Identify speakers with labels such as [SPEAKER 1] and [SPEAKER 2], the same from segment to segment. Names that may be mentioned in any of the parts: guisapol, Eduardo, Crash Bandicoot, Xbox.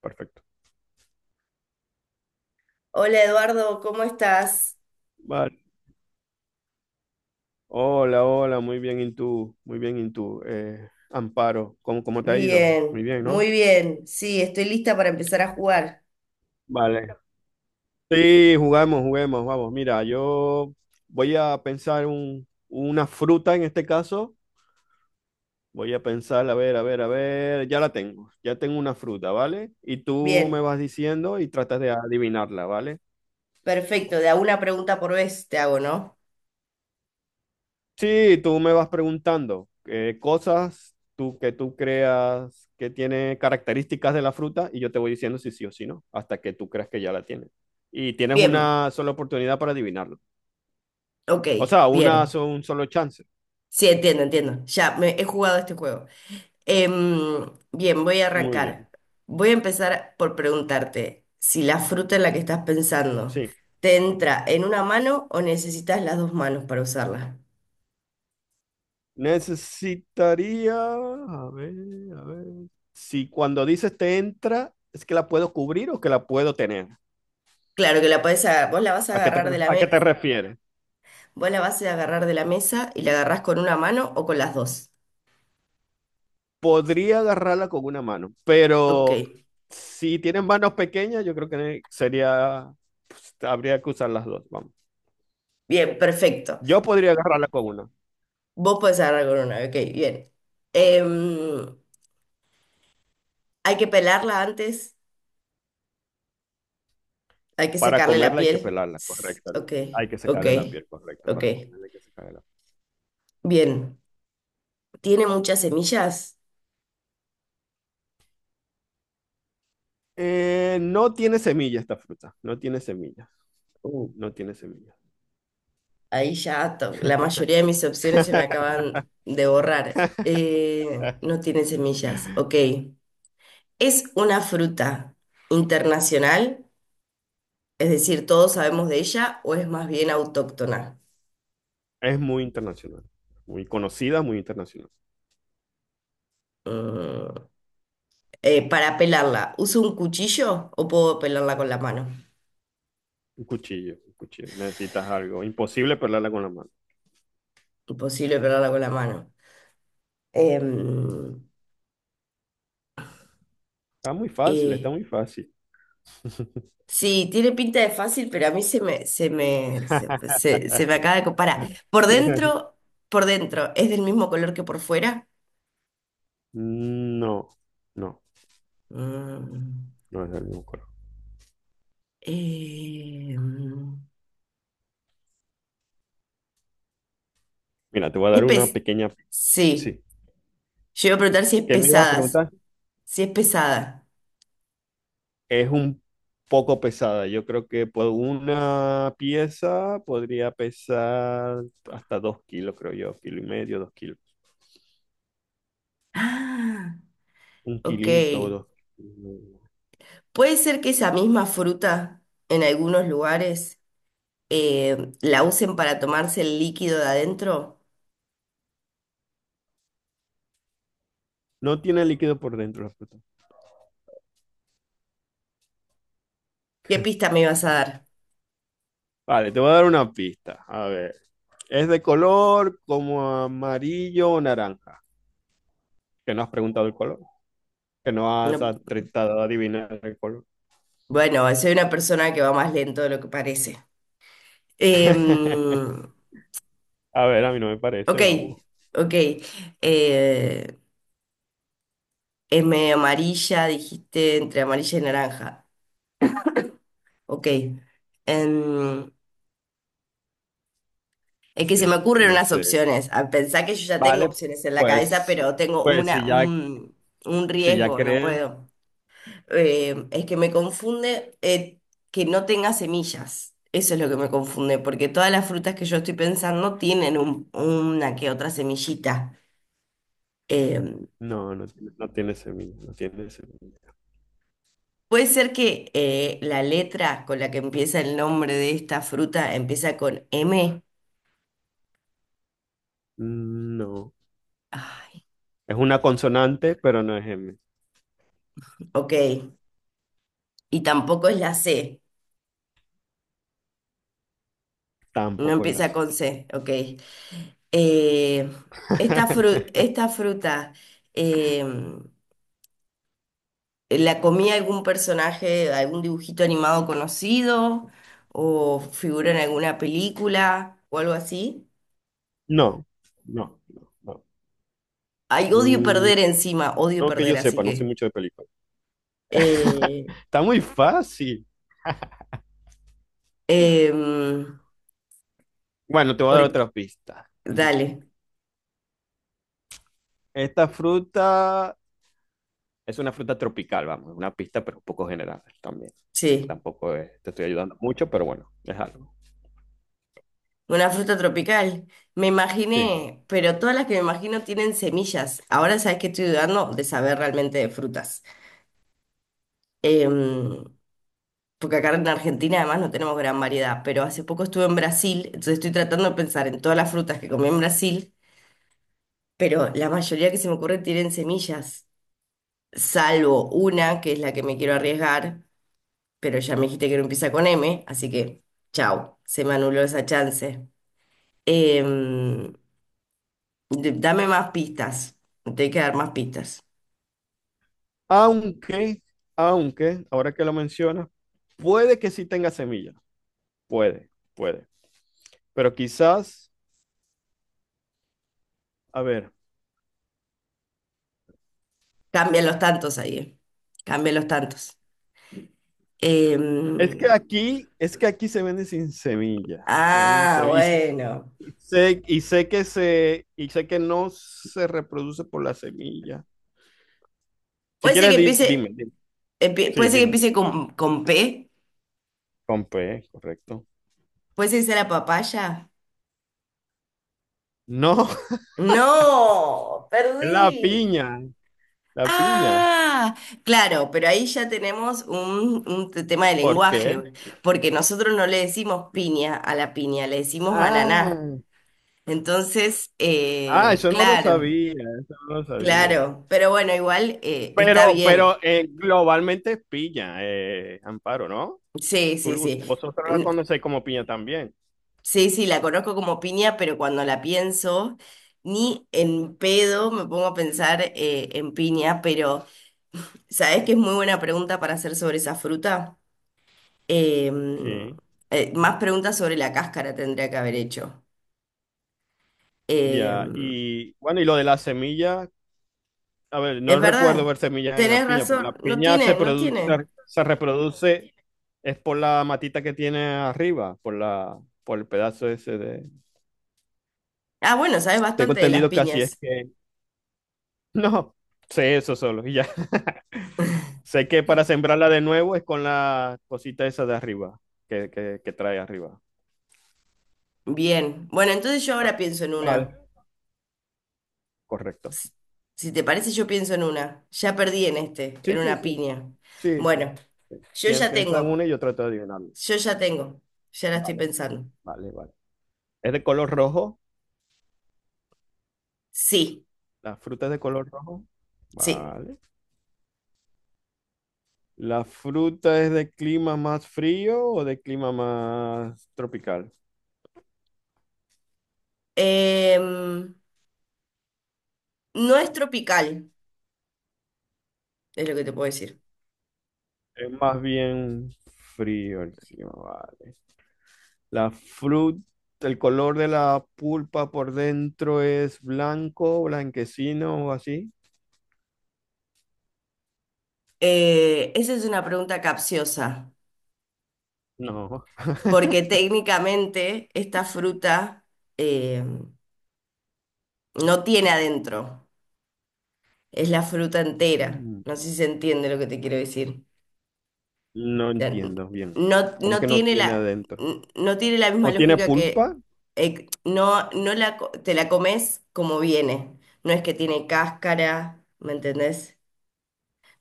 [SPEAKER 1] Perfecto.
[SPEAKER 2] Hola Eduardo, ¿cómo estás?
[SPEAKER 1] Vale. Hola, hola, muy bien, ¿y tú? Muy bien, ¿y tú? Amparo, ¿cómo te ha ido? Muy
[SPEAKER 2] Bien,
[SPEAKER 1] bien, ¿no?
[SPEAKER 2] muy bien. Sí, estoy lista para empezar a jugar.
[SPEAKER 1] Vale. Sí, jugamos, juguemos, vamos. Mira, yo voy a pensar una fruta en este caso. Voy a pensar, a ver, a ver, a ver. Ya la tengo, ya tengo una fruta, ¿vale? Y tú me
[SPEAKER 2] Bien,
[SPEAKER 1] vas diciendo y tratas de adivinarla, ¿vale?
[SPEAKER 2] perfecto. De a una pregunta por vez te hago, ¿no?
[SPEAKER 1] Sí, tú me vas preguntando cosas tú, que tú creas que tiene características de la fruta y yo te voy diciendo si sí o si no, hasta que tú creas que ya la tienes. Y tienes
[SPEAKER 2] Bien,
[SPEAKER 1] una sola oportunidad para adivinarlo.
[SPEAKER 2] ok,
[SPEAKER 1] O sea, una,
[SPEAKER 2] bien.
[SPEAKER 1] un solo chance.
[SPEAKER 2] Sí, entiendo. Ya me he jugado este juego. Bien, voy a
[SPEAKER 1] Muy bien.
[SPEAKER 2] arrancar. Voy a empezar por preguntarte si la fruta en la que estás pensando
[SPEAKER 1] Sí.
[SPEAKER 2] te entra en una mano o necesitas las dos manos para usarla.
[SPEAKER 1] Necesitaría, a ver, a ver. Si cuando dices te entra, ¿es que la puedo cubrir o que la puedo tener?
[SPEAKER 2] Claro que la podés agarrar, vos la vas a
[SPEAKER 1] ¿A qué
[SPEAKER 2] agarrar de
[SPEAKER 1] a qué te refieres?
[SPEAKER 2] Vos la vas a ir a agarrar de la mesa y la agarrás con una mano o con las dos.
[SPEAKER 1] Podría agarrarla con una mano,
[SPEAKER 2] Ok,
[SPEAKER 1] pero si tienen manos pequeñas, yo creo que sería, pues, habría que usar las dos, vamos.
[SPEAKER 2] bien, perfecto.
[SPEAKER 1] Yo podría agarrarla con una.
[SPEAKER 2] Vos podés agarrar con una, ok, bien. Em, Hay que pelarla antes, hay que
[SPEAKER 1] Para
[SPEAKER 2] sacarle la
[SPEAKER 1] comerla hay que
[SPEAKER 2] piel.
[SPEAKER 1] pelarla, correcto.
[SPEAKER 2] Ok,
[SPEAKER 1] Hay que
[SPEAKER 2] ok,
[SPEAKER 1] sacarle la piel, correcto.
[SPEAKER 2] ok.
[SPEAKER 1] Para comerla hay que sacarle la piel.
[SPEAKER 2] Bien, ¿tiene muchas semillas?
[SPEAKER 1] No tiene semilla esta fruta, no tiene semillas,
[SPEAKER 2] Uh,
[SPEAKER 1] no tiene semillas.
[SPEAKER 2] ahí la mayoría de mis opciones se me acaban de borrar. No tiene semillas, ok. ¿Es una fruta internacional? Es decir, ¿todos sabemos de ella o es más bien autóctona?
[SPEAKER 1] Es muy internacional, muy conocida, muy internacional.
[SPEAKER 2] Mm, para pelarla, ¿uso un cuchillo o puedo pelarla con la mano?
[SPEAKER 1] Un cuchillo, un cuchillo. Necesitas algo. Imposible pelarla con la mano.
[SPEAKER 2] Imposible pelarla con la mano. Em,
[SPEAKER 1] Está muy fácil, está
[SPEAKER 2] eh,
[SPEAKER 1] muy fácil.
[SPEAKER 2] sí, tiene pinta de fácil, pero a mí se me acaba de comparar. Por dentro, por dentro, ¿es del mismo color que por fuera?
[SPEAKER 1] No, no,
[SPEAKER 2] Mm,
[SPEAKER 1] no es del mismo color.
[SPEAKER 2] em,
[SPEAKER 1] Mira, te voy a
[SPEAKER 2] es
[SPEAKER 1] dar una
[SPEAKER 2] pes-
[SPEAKER 1] pequeña.
[SPEAKER 2] Sí,
[SPEAKER 1] Sí.
[SPEAKER 2] yo iba a preguntar
[SPEAKER 1] ¿Qué me ibas a preguntar?
[SPEAKER 2] si es pesada.
[SPEAKER 1] Es un poco pesada. Yo creo que por una pieza podría pesar hasta 2 kilos, creo yo. Kilo y medio, 2 kilos.
[SPEAKER 2] Ah,
[SPEAKER 1] Un
[SPEAKER 2] ok.
[SPEAKER 1] kilito, 2 kilos.
[SPEAKER 2] Puede ser que esa misma fruta en algunos lugares la usen para tomarse el líquido de adentro.
[SPEAKER 1] No tiene líquido por dentro la fruta.
[SPEAKER 2] ¿Qué pista me ibas a dar?
[SPEAKER 1] Vale, te voy a dar una pista. A ver. Es de color como amarillo o naranja. Que no has preguntado el color. Que no has
[SPEAKER 2] No-
[SPEAKER 1] tratado de adivinar el color.
[SPEAKER 2] bueno, soy una persona que va más lento de lo que parece. Em,
[SPEAKER 1] A ver, a mí no me
[SPEAKER 2] ok,
[SPEAKER 1] parece, vamos.
[SPEAKER 2] ok. Eh, es medio amarilla, dijiste entre amarilla y naranja. Ok. Em, Es que se me
[SPEAKER 1] Sí,
[SPEAKER 2] ocurren
[SPEAKER 1] no
[SPEAKER 2] unas
[SPEAKER 1] sé.
[SPEAKER 2] opciones. A pensar que yo ya tengo
[SPEAKER 1] Vale,
[SPEAKER 2] opciones en la cabeza,
[SPEAKER 1] pues,
[SPEAKER 2] pero tengo
[SPEAKER 1] pues si ya,
[SPEAKER 2] un
[SPEAKER 1] si ya
[SPEAKER 2] riesgo, no
[SPEAKER 1] crees.
[SPEAKER 2] puedo. Es que me confunde que no tenga semillas. Eso es lo que me confunde, porque todas las frutas que yo estoy pensando tienen una que otra semillita. Eh,
[SPEAKER 1] No, no tiene semilla, no tiene semilla.
[SPEAKER 2] Puede ser que la letra con la que empieza el nombre de esta fruta empieza con M.
[SPEAKER 1] Mm, no.
[SPEAKER 2] Ay,
[SPEAKER 1] Es una consonante, pero no es M.
[SPEAKER 2] ok. Y tampoco es la C. No
[SPEAKER 1] Tampoco es la
[SPEAKER 2] empieza
[SPEAKER 1] C.
[SPEAKER 2] con C. Ok. Eh, esta fruta, eh, ¿la comía algún personaje, algún dibujito animado conocido o figura en alguna película o algo así?
[SPEAKER 1] No, no, no, no.
[SPEAKER 2] Ay, odio
[SPEAKER 1] Mm,
[SPEAKER 2] perder encima, odio
[SPEAKER 1] no que
[SPEAKER 2] perder,
[SPEAKER 1] yo
[SPEAKER 2] así
[SPEAKER 1] sepa, no sé
[SPEAKER 2] que...
[SPEAKER 1] mucho de películas.
[SPEAKER 2] eh,
[SPEAKER 1] Está muy fácil.
[SPEAKER 2] em,
[SPEAKER 1] Bueno, te voy a dar
[SPEAKER 2] por-
[SPEAKER 1] otra pista.
[SPEAKER 2] dale,
[SPEAKER 1] Esta fruta es una fruta tropical, vamos, una pista, pero un poco general también. Sé que
[SPEAKER 2] sí,
[SPEAKER 1] tampoco te estoy ayudando mucho, pero bueno, es algo.
[SPEAKER 2] una fruta tropical. Me
[SPEAKER 1] Sí.
[SPEAKER 2] imaginé, pero todas las que me imagino tienen semillas. Ahora sabes que estoy dudando de saber realmente de frutas. Em, Porque acá en Argentina además no tenemos gran variedad, pero hace poco estuve en Brasil, entonces estoy tratando de pensar en todas las frutas que comí en Brasil, pero la mayoría que se me ocurre tienen semillas, salvo una que es la que me quiero arriesgar, pero ya me dijiste que no empieza con M, así que chau, se me anuló esa chance. Em, dame más pistas, me tengo que dar más pistas.
[SPEAKER 1] Aunque, aunque, ahora que lo mencionas, puede que sí tenga semillas. Puede, puede. Pero quizás, a ver,
[SPEAKER 2] Cambian los tantos ahí, eh. Cambian los tantos. Em,
[SPEAKER 1] es que aquí se vende sin semilla. Se vende sin
[SPEAKER 2] ah,
[SPEAKER 1] semilla.
[SPEAKER 2] bueno.
[SPEAKER 1] Y sé que no se reproduce por la semilla. Si
[SPEAKER 2] Puede ser
[SPEAKER 1] quieres,
[SPEAKER 2] que
[SPEAKER 1] dime,
[SPEAKER 2] empiece.
[SPEAKER 1] dime.
[SPEAKER 2] Puede
[SPEAKER 1] Sí,
[SPEAKER 2] ser que
[SPEAKER 1] dime.
[SPEAKER 2] empiece con P.
[SPEAKER 1] Con P, correcto.
[SPEAKER 2] Puede ser que sea la papaya.
[SPEAKER 1] No,
[SPEAKER 2] No,
[SPEAKER 1] es la
[SPEAKER 2] perdí.
[SPEAKER 1] piña, la piña.
[SPEAKER 2] Ah, claro, pero ahí ya tenemos tema de
[SPEAKER 1] ¿Por qué?
[SPEAKER 2] lenguaje, porque nosotros no le decimos piña a la piña, le decimos ananá.
[SPEAKER 1] Ah,
[SPEAKER 2] Entonces,
[SPEAKER 1] ah, eso no lo
[SPEAKER 2] claro,
[SPEAKER 1] sabía, eso no lo sabía.
[SPEAKER 2] claro, pero bueno, igual está
[SPEAKER 1] Pero,
[SPEAKER 2] bien.
[SPEAKER 1] pero globalmente es piña, Amparo, ¿no?
[SPEAKER 2] Sí,
[SPEAKER 1] Tú,
[SPEAKER 2] sí, sí.
[SPEAKER 1] vosotros la conocéis como piña también.
[SPEAKER 2] Sí, sí, la conozco como piña, pero cuando la pienso, ni en pedo me pongo a pensar en piña, pero ¿sabés que es muy buena pregunta para hacer sobre esa fruta? Em,
[SPEAKER 1] Sí,
[SPEAKER 2] más preguntas sobre la cáscara tendría que haber hecho.
[SPEAKER 1] ya.
[SPEAKER 2] Em,
[SPEAKER 1] Y bueno, y lo de las semillas, a ver,
[SPEAKER 2] es
[SPEAKER 1] no recuerdo
[SPEAKER 2] verdad,
[SPEAKER 1] ver semillas en la
[SPEAKER 2] tenés
[SPEAKER 1] piña, porque la
[SPEAKER 2] razón, no
[SPEAKER 1] piña se
[SPEAKER 2] tiene, no
[SPEAKER 1] produce,
[SPEAKER 2] tiene.
[SPEAKER 1] se reproduce, es por la matita que tiene arriba, por la, por el pedazo ese de.
[SPEAKER 2] Ah, bueno, sabes
[SPEAKER 1] Tengo
[SPEAKER 2] bastante de las
[SPEAKER 1] entendido que así es
[SPEAKER 2] piñas.
[SPEAKER 1] que no, sé eso solo y ya. Sé que para sembrarla de nuevo es con la cosita esa de arriba, que trae arriba.
[SPEAKER 2] Bien, bueno, entonces yo
[SPEAKER 1] Va,
[SPEAKER 2] ahora pienso en una.
[SPEAKER 1] vale, correcto.
[SPEAKER 2] Si si te parece, yo pienso en una. Ya perdí en este,
[SPEAKER 1] Sí,
[SPEAKER 2] en
[SPEAKER 1] sí,
[SPEAKER 2] una
[SPEAKER 1] sí.
[SPEAKER 2] piña.
[SPEAKER 1] Sí, sí.
[SPEAKER 2] Bueno. Yo
[SPEAKER 1] Bien,
[SPEAKER 2] ya
[SPEAKER 1] piensa en
[SPEAKER 2] tengo,
[SPEAKER 1] una y yo trato de adivinarlo.
[SPEAKER 2] yo ya tengo, ya la estoy
[SPEAKER 1] Vale,
[SPEAKER 2] pensando.
[SPEAKER 1] vale, vale. ¿Es de color rojo?
[SPEAKER 2] Sí,
[SPEAKER 1] ¿La fruta es de color rojo?
[SPEAKER 2] sí.
[SPEAKER 1] Vale. ¿La fruta es de clima más frío o de clima más tropical?
[SPEAKER 2] Em, no es tropical, es lo que te puedo decir.
[SPEAKER 1] Es más bien frío el clima, vale. La fruta, el color de la pulpa por dentro es blanco, blanquecino o así.
[SPEAKER 2] Esa es una pregunta capciosa,
[SPEAKER 1] No,
[SPEAKER 2] porque técnicamente esta fruta em, no tiene adentro, es la fruta entera.
[SPEAKER 1] mm,
[SPEAKER 2] No sé si se entiende lo que te quiero decir.
[SPEAKER 1] no
[SPEAKER 2] Sea,
[SPEAKER 1] entiendo bien.
[SPEAKER 2] no,
[SPEAKER 1] ¿Cómo
[SPEAKER 2] no
[SPEAKER 1] que no
[SPEAKER 2] tiene
[SPEAKER 1] tiene
[SPEAKER 2] la,
[SPEAKER 1] adentro?
[SPEAKER 2] no tiene la misma
[SPEAKER 1] ¿No tiene
[SPEAKER 2] lógica que
[SPEAKER 1] pulpa?
[SPEAKER 2] no, no la, te la comes como viene. No es que tiene cáscara, ¿me entendés?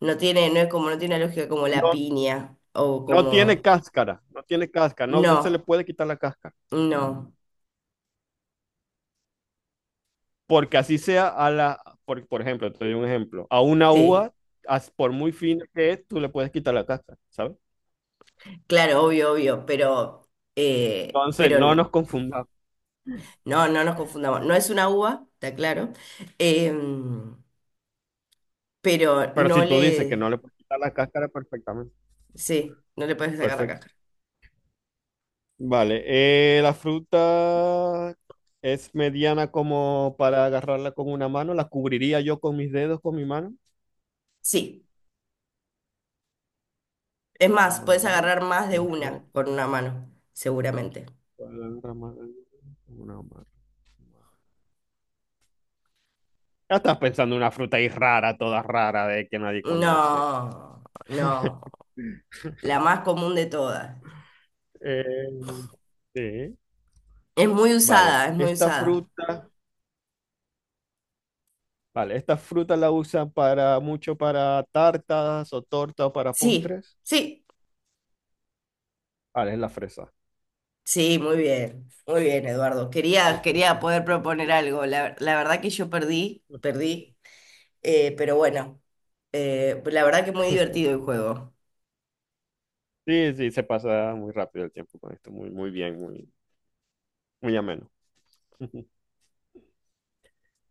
[SPEAKER 2] No tiene, no es como, no tiene una lógica como la
[SPEAKER 1] No,
[SPEAKER 2] piña o
[SPEAKER 1] no tiene
[SPEAKER 2] como.
[SPEAKER 1] cáscara, no tiene cáscara, no, no se le
[SPEAKER 2] No,
[SPEAKER 1] puede quitar la cáscara.
[SPEAKER 2] no.
[SPEAKER 1] Porque así sea a la, por ejemplo, te doy un ejemplo, a una
[SPEAKER 2] Sí.
[SPEAKER 1] uva, por muy fina que es, tú le puedes quitar la cáscara, ¿sabes?
[SPEAKER 2] Claro, obvio, obvio, pero, eh,
[SPEAKER 1] Entonces,
[SPEAKER 2] pero
[SPEAKER 1] no
[SPEAKER 2] n-
[SPEAKER 1] nos confundamos.
[SPEAKER 2] no, no nos confundamos. No es una uva, está claro. em, pero
[SPEAKER 1] Pero si
[SPEAKER 2] no
[SPEAKER 1] tú dices que no
[SPEAKER 2] le.
[SPEAKER 1] le puedes quitar la cáscara, perfectamente.
[SPEAKER 2] Sí, no le puedes sacar la
[SPEAKER 1] Perfecto.
[SPEAKER 2] cáscara.
[SPEAKER 1] Vale, la fruta es mediana como para agarrarla con una mano, la cubriría yo con mis dedos, con mi mano.
[SPEAKER 2] Sí. Es más, puedes
[SPEAKER 1] Vale,
[SPEAKER 2] agarrar más de
[SPEAKER 1] es ropa,
[SPEAKER 2] una con una mano, seguramente.
[SPEAKER 1] rama- una mano. Ya estás pensando en una fruta ahí rara, toda rara, de que nadie conoce.
[SPEAKER 2] No, no. La más común de todas.
[SPEAKER 1] Eh, sí.
[SPEAKER 2] Es muy
[SPEAKER 1] Vale,
[SPEAKER 2] usada, es muy usada.
[SPEAKER 1] esta fruta la usan para mucho para tartas o tortas o para
[SPEAKER 2] Sí,
[SPEAKER 1] postres.
[SPEAKER 2] sí,
[SPEAKER 1] Vale, es la fresa.
[SPEAKER 2] sí, muy bien. Muy bien, Eduardo. Quería poder proponer algo. La verdad que yo perdí, perdí. Eh, pero bueno, la verdad que muy divertido el juego.
[SPEAKER 1] Sí, sí, se pasa muy rápido el tiempo con esto, muy, muy bien, muy, muy ameno.